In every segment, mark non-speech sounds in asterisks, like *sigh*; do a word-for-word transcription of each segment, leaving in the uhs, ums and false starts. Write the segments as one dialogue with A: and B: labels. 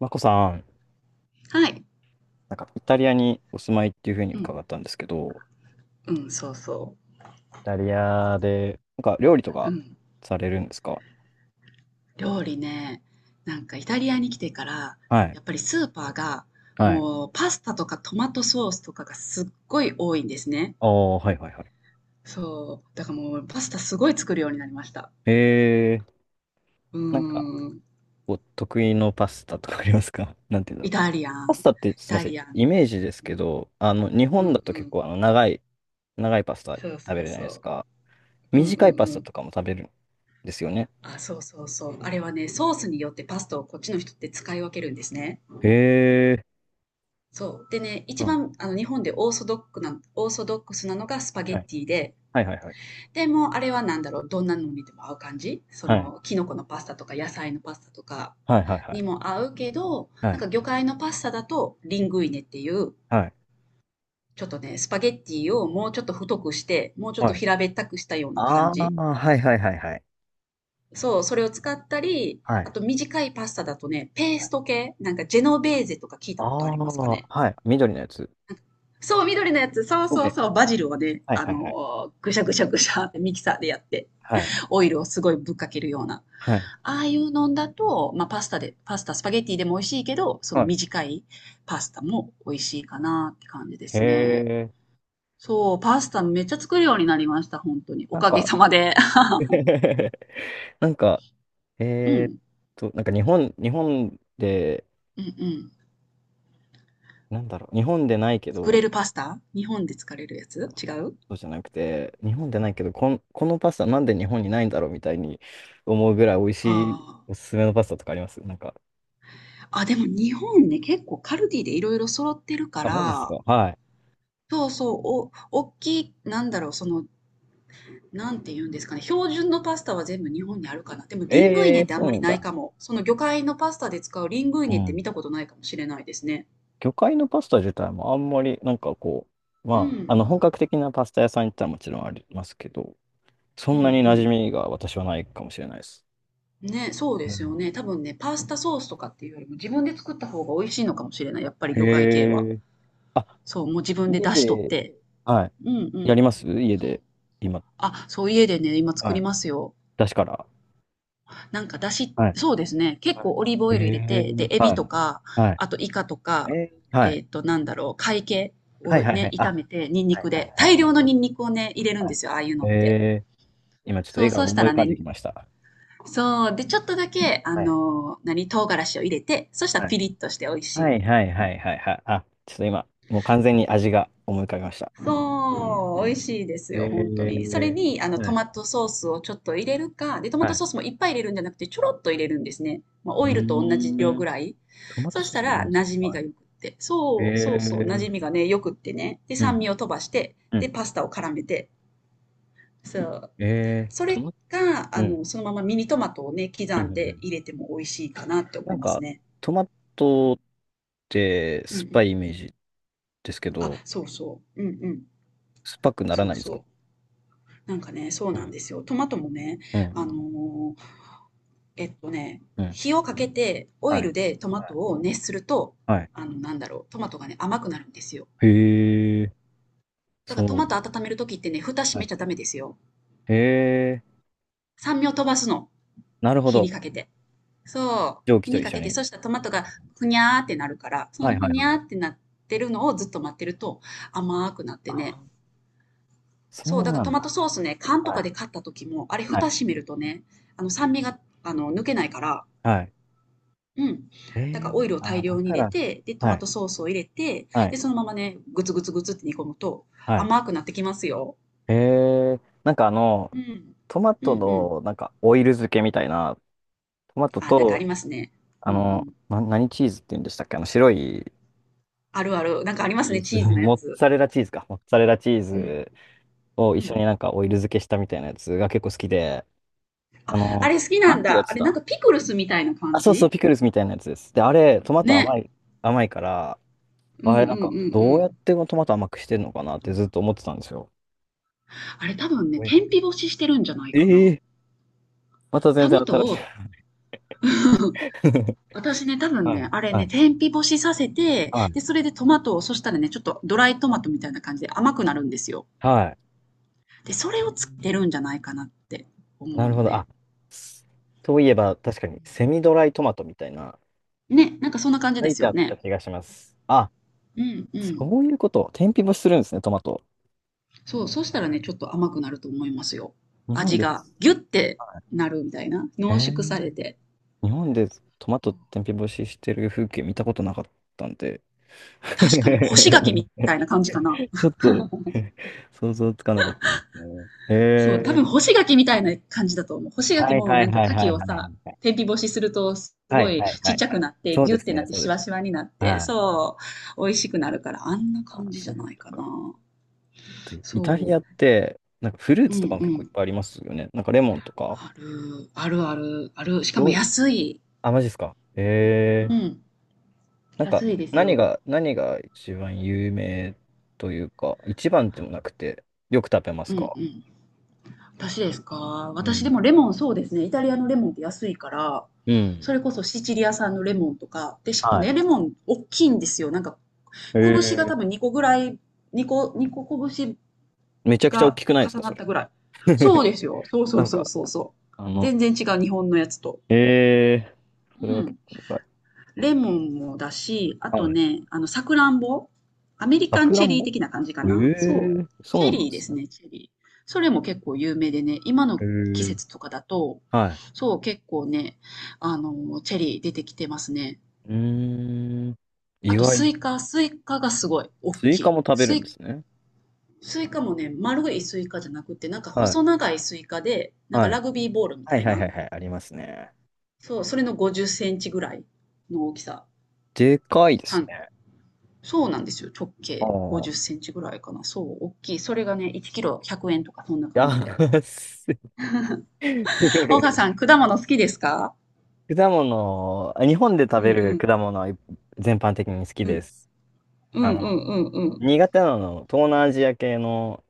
A: マコさん、
B: はい。
A: なんかイタリアにお住まいっていうふうに
B: うん、
A: 伺ったんですけど、
B: うん、そうそ
A: イタリアで、なんか料理と
B: う。う
A: か
B: ん。
A: されるんですか？
B: 料理ね、なんかイタリアに来てから、
A: はい。
B: やっぱりスーパーが、
A: はい。
B: もうパスタとかトマトソースとかがすっごい多いんですね。
A: ああ、はいはいは
B: そう。だからもうパスタすごい作るようになりました。
A: い。えー、
B: うー
A: なんか
B: ん。
A: お得意のパスタとかありますか？ *laughs* なんて言うん
B: イ
A: だろう。
B: タリア
A: パ
B: ン。
A: スタって、
B: イ
A: すいま
B: タ
A: せん、
B: リアン
A: イ
B: ね。
A: メージですけど、あの、日
B: うんう
A: 本
B: んう
A: だと結
B: ん。
A: 構あの長い、長いパスタ
B: そう
A: 食べ
B: そう
A: るじゃない
B: そ
A: ですか。
B: う。うんう
A: 短い
B: ん
A: パス
B: う
A: タ
B: ん。
A: とかも食べるんですよね。
B: あ、そうそうそう。あれはね、ソースによってパスタをこっちの人って使い分けるんですね。
A: へえ。
B: そう。でね、
A: う
B: 一
A: ん、
B: 番あの日本でオーソドックな、オーソドックスなのがスパゲ
A: は
B: ッ
A: い
B: ティで、
A: はいはいはい。
B: でもうあれはなんだろう、どんなのにでも合う感じ、そ
A: はい。
B: の、キノコのパスタとか野菜のパスタとか
A: はいはいは
B: に
A: い。
B: も合うけど、
A: は
B: なん
A: い。
B: か魚介のパスタだとリングイネっていう、
A: はい。
B: ちょっとね、スパゲッティをもうちょっと太くして、もうちょっ
A: は
B: と
A: い。
B: 平べったくしたような感
A: ああ、
B: じ。
A: はいはいはいはい。
B: そう、それを使ったり、
A: は
B: あ
A: い。
B: と短いパスタだとね、ペースト系、なんかジェノベーゼとか聞い
A: あ
B: たことありますか
A: あ、
B: ね？
A: はい。緑のやつ。
B: そう、緑のやつ。そう
A: は
B: そう
A: い。
B: そう。バジルをね、
A: はい
B: あ
A: はいはい。
B: のーぐしゃぐしゃぐしゃってミキサーでやって、
A: はい。
B: オイルをすごいぶっかけるような。
A: はい。
B: ああいうのんだと、まあ、パスタで、パスタ、スパゲッティでも美味しいけど、その
A: はい、
B: 短いパスタも美味しいかなって感じで
A: へ
B: すね。
A: え。
B: そう、パスタめっちゃ作るようになりました、本当に。お
A: なん
B: かげ
A: か
B: さまで。
A: *laughs* なんか、
B: *laughs* う
A: えーっ
B: ん。
A: と、なんか日本、日本で、
B: うんうん。
A: なんだろう、日本でないけ
B: 作
A: ど、
B: れるパスタ、日本で作れるやつ違う？
A: そうじゃなくて、日本でないけど、こん、このパスタなんで日本にないんだろうみたいに思うぐらい美味しい
B: ああ
A: おすすめのパスタとかありますなんか？
B: ー。あ、でも日本ね、結構カルディでいろいろ揃ってるか
A: あ、マジですか？
B: ら、
A: はい。
B: そうそう、お、おっきい、なんだろう、その、なんて言うんですかね、標準のパスタは全部日本にあるかな。でも、リングイ
A: ええ
B: ネっ
A: ー、
B: てあ
A: そ
B: ん
A: う
B: ま
A: な
B: り
A: ん
B: ない
A: だ。
B: かも。その魚介のパスタで使うリングイ
A: う
B: ネって
A: ん。
B: 見たことないかもしれないですね。
A: 魚介のパスタ自体もあんまり、なんかこう、
B: う
A: まあ、あの、
B: ん。
A: 本格的なパスタ屋さん行ったらもちろんありますけど、そ
B: うん
A: ん
B: う
A: なに馴染
B: ん。
A: みが私はないかもしれないです。
B: ね、そうで
A: う
B: すよね。
A: ん。
B: 多分ね、パスタソースとかっていうよりも自分で作った方が美味しいのかもしれない。やっぱり
A: へ
B: 魚介系は。
A: え。あ、
B: そう、もう自分で
A: 家
B: 出しとっ
A: で、
B: て。
A: はい。
B: うんう
A: やり
B: ん。
A: ます家
B: そう。
A: で、今、
B: あ、そう、家でね、今作
A: は
B: り
A: い。
B: ますよ。
A: 出しから。
B: なんか、だし、
A: はい。
B: そうですね。結
A: は
B: 構オリーブオ
A: い、へ
B: イル入れ
A: え。
B: て、で、エビ
A: は
B: と
A: い。
B: か、
A: はい。
B: あとイカとか、
A: えー、は
B: え
A: い。
B: っと、なんだろう、貝系
A: はい
B: を
A: はいは
B: ね、
A: い。
B: 炒
A: あ、
B: めて、ニンニ
A: はい
B: ク
A: はい
B: で。
A: はい
B: 大
A: は
B: 量の
A: い。
B: ニンニクをね、入れるん
A: は
B: で
A: い、
B: すよ、ああいうのって。
A: えー。今ちょっと
B: そ
A: 絵
B: う、
A: が
B: そうした
A: 思い
B: ら
A: 浮かんで
B: ね、
A: きました。
B: そう、で、ちょっとだけ、あ
A: はい。
B: の、何、唐辛子を入れて、そしたら
A: はい
B: ピリッとして美味し
A: は
B: い。
A: いはいはいはいはい。あ、ちょっと今、もう完全に味が思い浮かびました。
B: そう、美味しいです
A: え
B: よ、本当に。それ
A: ー、
B: に、あの、
A: は
B: ト
A: い、
B: マトソースをちょっと入れるか、で、トマ
A: は
B: ト
A: い。
B: ソースもいっぱい入れるんじゃなくて、ちょろっと入れるんですね。まあ、
A: う
B: オイルと同じ量
A: ーん、
B: ぐらい。
A: トマト
B: そし
A: ソー
B: た
A: スいる
B: ら、
A: んです
B: 馴
A: ね。
B: 染み
A: は
B: が
A: い。
B: 良くって。そう、
A: え
B: そうそう、馴染
A: ー、
B: みがね、良くってね。で、
A: う
B: 酸
A: ん、
B: 味を飛ばして、
A: う
B: で、
A: ん。
B: パスタを絡めて。そう。
A: えー、
B: そ
A: ト
B: れ
A: マ、
B: か、あ
A: うん、
B: の、そのままミニトマトをね、刻
A: うん、
B: ん
A: う
B: で
A: ん。
B: 入れても美味しいかなって思
A: な
B: い
A: ん
B: ます
A: か、
B: ね。
A: トマトって
B: うんう
A: 酸っぱ
B: ん。
A: いイメージですけ
B: あ、
A: ど、
B: そうそう。うんうん。
A: 酸っぱくなら
B: そ
A: な
B: う
A: いです
B: そ
A: か？
B: う。なんかね、そう
A: う
B: なん
A: ん、
B: ですよ。トマトもね、
A: うん、
B: あの、えっとね、
A: うん。
B: 火をかけてオ
A: は
B: イ
A: い。
B: ルでトマトを熱すると、
A: はい。
B: あの、なんだろう、トマトがね、甘くなるんですよ。
A: へえ、
B: だか
A: そ
B: ら
A: う
B: ト
A: な
B: マ
A: ん
B: ト
A: だ。
B: 温めるときってね、蓋閉
A: は
B: め
A: い。
B: ちゃダメですよ。
A: へえ、
B: 酸味を飛ばすの。
A: なるほ
B: 火に
A: ど。
B: かけて。そう。
A: 蒸気
B: 火
A: と
B: に
A: 一
B: か
A: 緒
B: けて、
A: に。
B: そしたらトマトがふにゃーってなるから、その
A: はい
B: ふ
A: はい
B: に
A: は
B: ゃーっ
A: い。
B: てなってるのをずっと待ってると甘くなってね。
A: あ、そ
B: そ
A: う
B: う、だから
A: な
B: ト
A: ん
B: マト
A: だ。
B: ソースね、缶と
A: は
B: か
A: い。
B: で買った時も、あれ
A: は
B: 蓋
A: い。
B: 閉めるとね、あの酸味が、あの、抜けないから、
A: はい。
B: うん。
A: え
B: だか
A: え、
B: らオイルを
A: あ
B: 大
A: あー、だ
B: 量に
A: か
B: 入れ
A: ら、
B: て、で、ト
A: は
B: マ
A: い。
B: トソースを入れて、
A: はい。
B: で、そのままね、グツグツグツって煮込むと
A: はい。
B: 甘くなってきますよ。
A: ええ、なんかあの、
B: うん。
A: トマ
B: う
A: ト
B: んうん。
A: の、なんか、オイル漬けみたいな、トマト
B: あ、なんかあ
A: と、
B: りますね。
A: あ
B: うんう
A: の、
B: ん。
A: な、何チーズって言うんでしたっけ、あの、白い
B: あるある。なんかありま
A: チ
B: す
A: ー
B: ね、
A: ズ、
B: チーズ
A: *laughs*
B: のや
A: モッ
B: つ。
A: ツァレラチーズか。モッツァレラチー
B: うん。
A: ズを
B: う
A: 一緒
B: ん。
A: になんかオイル漬けしたみたいなやつが結構好きで、あ
B: あ
A: の、
B: れ好きな
A: な
B: ん
A: んていうや
B: だ。あ
A: つ
B: れなん
A: だ。
B: かピクルスみたいな
A: あ、
B: 感
A: そうそう、
B: じ
A: ピクルスみたいなやつです。で、あれ、トマト
B: ね。
A: 甘い、甘いから、
B: うん
A: あ
B: うん
A: れ、
B: うん
A: な
B: う
A: んか、どうやっ
B: ん。
A: てトマト甘くしてるのかなってずっと思ってたんですよ。
B: あれ多分ね、
A: どういうこ
B: 天
A: と？
B: 日干ししてるんじゃないか
A: え
B: な。
A: え、また全
B: タ
A: 然
B: モ
A: 新
B: ト
A: し
B: を、
A: い。*laughs*
B: 私ね、多分
A: はい、
B: ね、あれ
A: は
B: ね、
A: い、
B: 天日干しさせて、
A: はい。
B: で、それでトマトを、そしたらね、ちょっとドライトマトみたいな感じで甘くなるんですよ。
A: はい。
B: で、それ
A: え
B: を
A: ー、
B: つけてるんじゃないかなって思
A: な
B: う
A: るほ
B: の
A: ど。あ、
B: ね。
A: s- といえば、確かに、セミドライトマトみたいな、
B: ね、なんかそんな感じ
A: 書
B: で
A: い
B: す
A: てあ
B: よ
A: った
B: ね。
A: 気がします。あ、
B: うんうん。
A: そういうこと。天日干しするんですね、トマト。
B: そう、そしたらね、ちょっと甘くなると思いますよ。
A: 日本
B: 味
A: で
B: が
A: す、
B: ギュッてなるみたいな。
A: え
B: 濃縮され
A: ー、
B: て。
A: 日本でトマト天日干ししてる風景見たことなかったんで。
B: 確かに干し柿
A: *laughs*
B: みたいな感じかな。
A: *laughs* ちょっと *laughs* 想像つかなかったですね。へ
B: そう、多分
A: え。
B: 干し柿みたいな感じだと思う。干し柿
A: はい
B: も
A: はい
B: なんか
A: はい
B: 牡
A: はいは
B: 蠣
A: い
B: を
A: はい
B: さ、
A: はい。
B: 天日干しするとす
A: は
B: ご
A: い
B: い
A: はい
B: ち
A: は
B: っ
A: い
B: ちゃ
A: は
B: く
A: い。
B: なって、
A: そう
B: ギ
A: で
B: ュっ
A: す
B: てな
A: ね、
B: って
A: そうで
B: シ
A: す。
B: ワシワになって、
A: はい。
B: そう、美味しくなるから、あんな
A: あ、
B: 感じじ
A: そう
B: ゃ
A: いう
B: な
A: こ
B: い
A: と
B: かな。
A: か。あとイタリ
B: そ
A: アって、なんかフルー
B: う、う
A: ツとか
B: ん
A: も
B: う
A: 結構いっ
B: ん。
A: ぱいありますよね。なんかレモンとか。
B: ある、あるある、ある。しかも
A: どう、
B: 安い。
A: あ、マジですか。へ
B: う
A: え。
B: ん、
A: なんか
B: 安いです
A: 何
B: よ。
A: が、何が一番有名というか、一番でもなくて、よく食べま
B: う
A: す
B: んう
A: か？
B: ん。私ですか
A: う
B: 私で
A: ん。
B: もレモン、そうですね。イタリアのレモンって安いから、
A: うん。
B: それこそシチリア産のレモンとか、で、しかも
A: はい。
B: ね、レモン大きいんですよ。なんか
A: へ
B: 拳が
A: え。
B: 多分にこぐらい、にこ、にこ拳
A: めちゃくちゃ大
B: が
A: きくないです
B: 重
A: か、
B: な
A: そ
B: っ
A: れ。
B: たぐらい。そうです
A: *laughs*
B: よ。そうそ
A: な
B: う
A: ん
B: そ
A: か、
B: うそうそう。
A: あの、
B: 全然違う、日本のやつと。
A: ええー、
B: う
A: それは結
B: ん。
A: 構でかい。
B: レモンもだし、あ
A: うん、
B: と
A: はい。
B: ね、あの、さくらんぼ。アメリ
A: さ
B: カン
A: くら
B: チェ
A: ん
B: リー
A: ぼ、
B: 的な感じか
A: ええ
B: な。そう。
A: ー、
B: チ
A: そ
B: ェ
A: うなん
B: リ
A: で
B: ーで
A: す
B: す
A: ね。
B: ね、チェリー。それも結構有名でね、今の
A: え
B: 季
A: え、
B: 節とかだと、
A: はい。
B: そう、結構ね、あの、チェリー出てきてますね。
A: うーん。意
B: あと、ス
A: 外。
B: イカ、スイカがすごい大
A: スイ
B: き
A: カ
B: い。
A: も食べる
B: ス
A: ん
B: イ
A: ですね。
B: スイカもね、丸いスイカじゃなくて、なんか
A: はい。
B: 細長いスイカで、なんか
A: は
B: ラ
A: い。
B: グビーボールみ
A: は
B: た
A: い
B: い
A: はいは
B: な。
A: いはい、ありますね。
B: そう、それのごじゅっセンチぐらいの大きさ。
A: でかいです
B: 半。
A: ね。
B: そうなんですよ。直
A: あ
B: 径50セ
A: あ。
B: ンチぐらいかな。そう、大きい。それがね、いちキロひゃくえんとか、そんな感じで。
A: 安い。
B: 岡さ
A: *laughs*
B: ん、果物好きですか？
A: 果物、日本で
B: う
A: 食
B: ん
A: べ
B: う
A: る
B: ん
A: 果物は全般的に好き
B: う
A: で
B: ん。
A: す。
B: う
A: あ
B: んうんう
A: の、
B: んうん。
A: 苦手なの、東南アジア系の、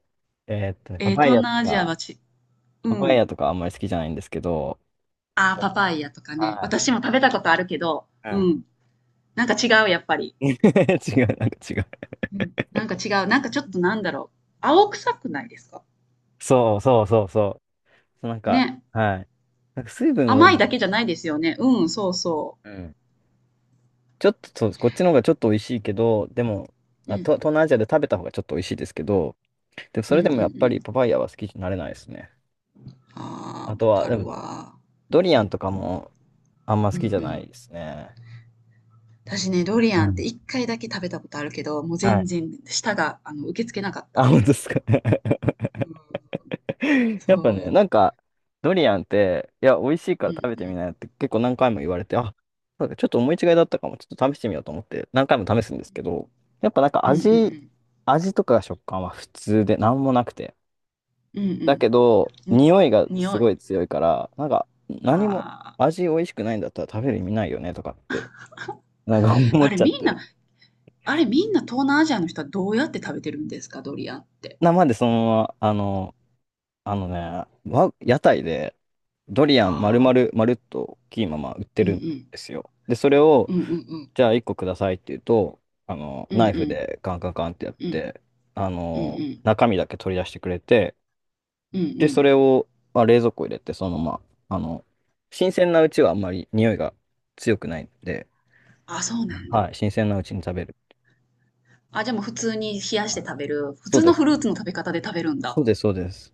A: えーっとね、パ
B: えー、
A: パイ
B: 東
A: ヤと
B: 南アジア
A: か、
B: はち、う
A: パパイ
B: ん。
A: ヤとかあんまり好きじゃないんですけど、
B: あー、パパイヤとかね。
A: は
B: 私も食べたことあるけど、
A: い。は
B: う
A: い。
B: ん。なんか違う、やっぱり。
A: *laughs* 違う、なんか違う。
B: うん、なんか違う。なんかちょっとなんだろう。青臭くないですか？
A: そうそうそうそう。そうなんか、
B: ね。
A: はい。なんか水分多
B: 甘い
A: い。
B: だけじゃないですよね。うん、そうそ
A: うん。ちょっと、そう、こっちの方がちょっと美味しいけど、でも、
B: う。う
A: あ、と
B: ん。
A: 東南アジアで食べた方がちょっと美味しいですけど、でも
B: う
A: そ
B: ん
A: れ
B: うんう
A: でもやっぱ
B: ん。
A: りパパイヤは好きになれないですね。
B: ああ、
A: あ
B: わ
A: とは、
B: か
A: で
B: る
A: も、
B: わ。
A: ドリアンとかもあんま
B: う
A: 好
B: んう
A: きじゃな
B: ん。
A: いですね。
B: 私ね、ドリ
A: う
B: アンって
A: ん。
B: 一回だけ食べたことあるけど、もう
A: は
B: 全
A: い。
B: 然舌が、あの、受け付けなかっ
A: あ、
B: た。
A: 本当ですか。*laughs*
B: うん、
A: *laughs* やっぱね、な
B: そ
A: んか、ドリアンって、いや、美味しいか
B: う。う
A: ら食べてみ
B: ん
A: なよって結構何回も言われて、あ、なんかちょっと思い違いだったかも、ちょっと試してみようと思って、何回も試すんですけど、やっぱなんか
B: うん。うんう
A: 味、
B: ん
A: 味とか食感は普通で何もなくて。
B: うん。う
A: だ
B: ん
A: けど、
B: うん。に、
A: 匂いがす
B: 匂い。
A: ごい強いから、なんか、何も、
B: ああ。
A: 味美味しくないんだったら食べる意味ないよねとかって、なんか思
B: あ
A: っ
B: れ
A: ちゃっ
B: みん
A: て。
B: な、あれみんな東南アジアの人はどうやって食べてるんですか、ドリアンって？
A: な、までそのまま、あの、あのね、わ、屋台でドリアン丸
B: ああ。
A: 々、丸っと大きいまま売って
B: うんう
A: るん
B: ん。
A: ですよ。で、それ
B: う
A: を、
B: んうんうん。
A: じゃあいっこくださいって言うと、あの、
B: うんう
A: ナイフ
B: ん。
A: でカンカンカンってやっ
B: うん
A: て、あ
B: うんう
A: の、
B: ん。
A: 中身だけ取り出してくれて、
B: うんう
A: で、そ
B: ん。
A: れを、まあ、冷蔵庫入れて、そのまま、あの、新鮮なうちはあんまり匂いが強くないんで、
B: あ、そうなん
A: は
B: だ。
A: い、新鮮なうちに食べる。
B: あ、じゃあもう普通に冷やして
A: はい、
B: 食べる。普
A: そう
B: 通
A: で
B: のフ
A: す
B: ルー
A: ね。
B: ツの食べ方で食べるんだ。
A: そうです、そうです。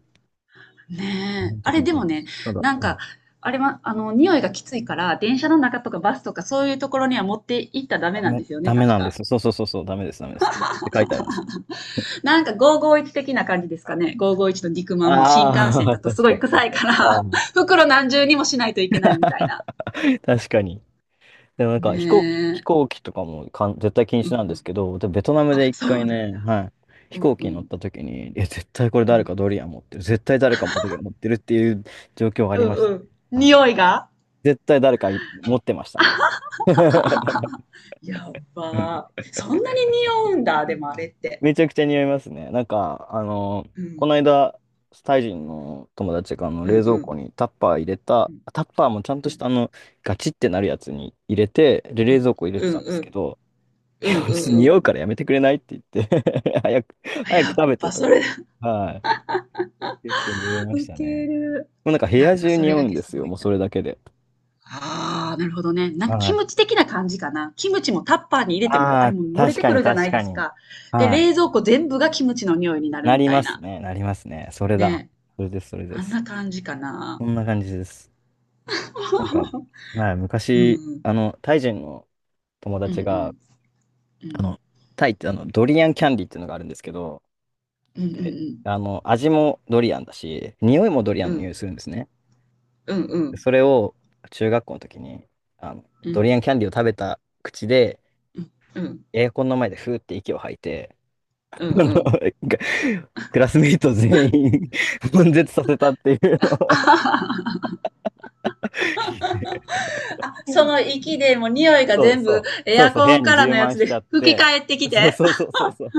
A: 基
B: ねえ。
A: 本
B: あ
A: 的
B: れ
A: に
B: で
A: そう
B: も
A: で
B: ね、
A: す。ただ、
B: なん
A: う
B: か、
A: ん、
B: あれは、あの、匂いがきついから、電車の中とかバスとかそういうところには持って行ったらダメ
A: ダ
B: なん
A: メ、
B: ですよね、
A: ダメ
B: 確
A: なんで
B: か。
A: す。そうそうそうそう、ダメです、ダメです。禁止って書いてありますね。
B: なんかごーごーいち的な感じですか
A: あ
B: ね。ごーごーいちの肉まんも新幹線
A: あ
B: だ
A: ー、*laughs*
B: とす
A: 確
B: ご
A: か
B: い
A: に、
B: 臭
A: 確
B: い
A: か
B: か
A: に。
B: ら
A: あ
B: *laughs* 袋何重にもしないといけないみたいな。
A: ー、確かに。でもなんか飛行機、
B: ね
A: 飛
B: え。
A: 行機とかもかん絶対禁
B: う
A: 止な
B: ん
A: んで
B: う
A: す
B: ん。
A: けど、でベトナムで
B: あ、
A: 一
B: そうな
A: 回
B: ん。
A: ね、はい、飛
B: うん
A: 行
B: う
A: 機に乗っ
B: ん。
A: た時に、いや、絶対これ
B: う
A: 誰
B: ん。
A: かドリアン持ってる、絶対誰かもドリアン持ってるっていう状況があり
B: う
A: ました
B: んう
A: ね。
B: ん。
A: はい、
B: 匂いが
A: 絶対誰かい持ってましたね。
B: やばー。そんなに匂うんだ、でもあれって。
A: めちゃくちゃ似合いますね。なんか、あの、
B: う
A: こ
B: ん。
A: の間、タイ人の友達があの
B: うん
A: 冷蔵
B: う
A: 庫
B: ん。
A: にタッパー入れた、
B: うん。
A: タッパーもちゃんと
B: う
A: し
B: ん。
A: たあの、ガチってなるやつに入れて、で、
B: う
A: 冷
B: ん
A: 蔵庫入れ
B: う
A: てたん
B: ん。
A: です
B: う
A: け
B: ん
A: ど、い
B: う
A: やちょっと
B: んう
A: 匂
B: ん。
A: うからやめてくれないって言って *laughs* 早く、
B: あ、
A: 早
B: や
A: く
B: っ
A: 食べて
B: ぱ
A: と
B: そ
A: か言
B: れ
A: って。
B: だ。
A: はい。結構匂い
B: *laughs*
A: まし
B: ウ
A: た
B: ケ
A: ね。
B: る。
A: もうなんか部
B: やっ
A: 屋
B: ぱ
A: 中
B: それ
A: 匂
B: だ
A: うん
B: け
A: で
B: す
A: す
B: ご
A: よ、
B: い
A: もう
B: んだ。
A: それだけで。
B: ああ、なるほどね。なんか
A: は
B: キ
A: い。
B: ムチ的な感じかな。キムチもタッパーに入れても、あ
A: あ
B: れ
A: あ、
B: も漏れ
A: 確
B: て
A: か
B: く
A: に
B: るじゃな
A: 確
B: いで
A: か
B: す
A: に。
B: か。で、
A: はい。
B: 冷蔵庫全部がキムチの匂いになる
A: な
B: み
A: り
B: た
A: ま
B: い
A: す
B: な。
A: ね、なりますね。それだ。
B: ね。
A: それです、それで
B: あん
A: す。
B: な感じかな。
A: こんな感じです。なんか、
B: *laughs*
A: はい、昔、
B: うん。
A: あの、タイ人の友
B: うんう
A: 達が、
B: ん。う
A: あ
B: ん。
A: の、タイってあの、ドリアンキャンディーっていうのがあるんですけど、
B: うんうんう
A: で、
B: ん。
A: あの、味もドリアンだし、匂いもドリア
B: う
A: ンの
B: ん。
A: 匂いするんですね。
B: うんう
A: で
B: ん。
A: それを、中学校の時に、あの、
B: う
A: ドリ
B: ん。
A: アンキャンディーを食べた口で、
B: うん。うん
A: エアコンの前でふーって息を吐いて、
B: う
A: あのが
B: ん。
A: クラスメイト全員 *laughs* 悶絶させたっていうの
B: *laughs*
A: を、
B: あ、その息でもう匂いが
A: そう
B: 全
A: そ
B: 部
A: う、
B: エ
A: そう
B: ア
A: そう、部
B: コ
A: 屋
B: ン
A: に
B: から
A: 充
B: のや
A: 満
B: つ
A: しちゃ
B: で
A: っ
B: 吹き
A: て、
B: 返ってき
A: そう
B: て。
A: そうそうそうそう。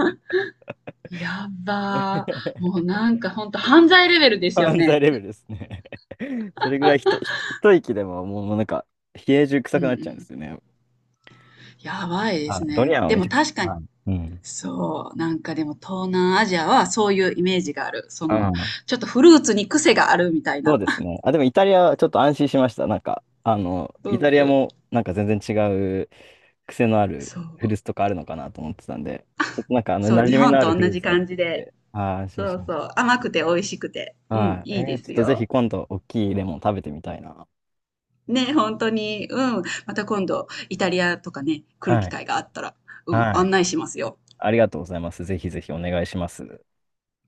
B: やっばー。も
A: *laughs*
B: うなんかほんと犯罪レベルですよ
A: 犯罪
B: ね。
A: レベルですね。*laughs* それぐらいひと、ひ一息でももうなんか、冷え中
B: う
A: 臭
B: ん
A: く
B: う
A: なっちゃうんで
B: ん。
A: すよね。
B: やばいで
A: は
B: す
A: い。ド
B: ね。
A: リアンは
B: で
A: めち
B: も
A: ゃくち
B: 確か
A: ゃ。
B: に、
A: はい。うん。
B: そう、なんかでも東南アジアはそういうイメージがある。そ
A: う
B: の、
A: ん。
B: ちょっとフルーツに癖があるみたい
A: そう
B: な。
A: ですね。あ、でもイタリアはちょっと安心しました。なんか、あの、
B: うん
A: イ
B: う
A: タリア
B: ん。
A: もなんか全然違う癖のある
B: そ
A: フル
B: う。
A: ーツとかあるのかなと思ってたんで、ちょっとなんかあの、
B: そう、
A: 馴
B: 日
A: 染み
B: 本
A: のある
B: と
A: フ
B: 同
A: ルー
B: じ
A: ツが
B: 感
A: 出
B: じ
A: てき
B: で。
A: て、あー、安心
B: そ
A: し
B: う
A: ま
B: そ
A: し
B: う。甘くて美味しくて。
A: た。
B: うん、
A: はい。
B: いい
A: え
B: で
A: ー、ちょっ
B: す
A: とぜひ
B: よ。
A: 今度大きいレモン食べてみたいな。
B: ね、本当に、うん。また今度、イタリアとかね、来る
A: は
B: 機
A: い。
B: 会があったら、うん、
A: は
B: 案
A: い。
B: 内しますよ。
A: ありがとうございます。ぜひぜひお願いします。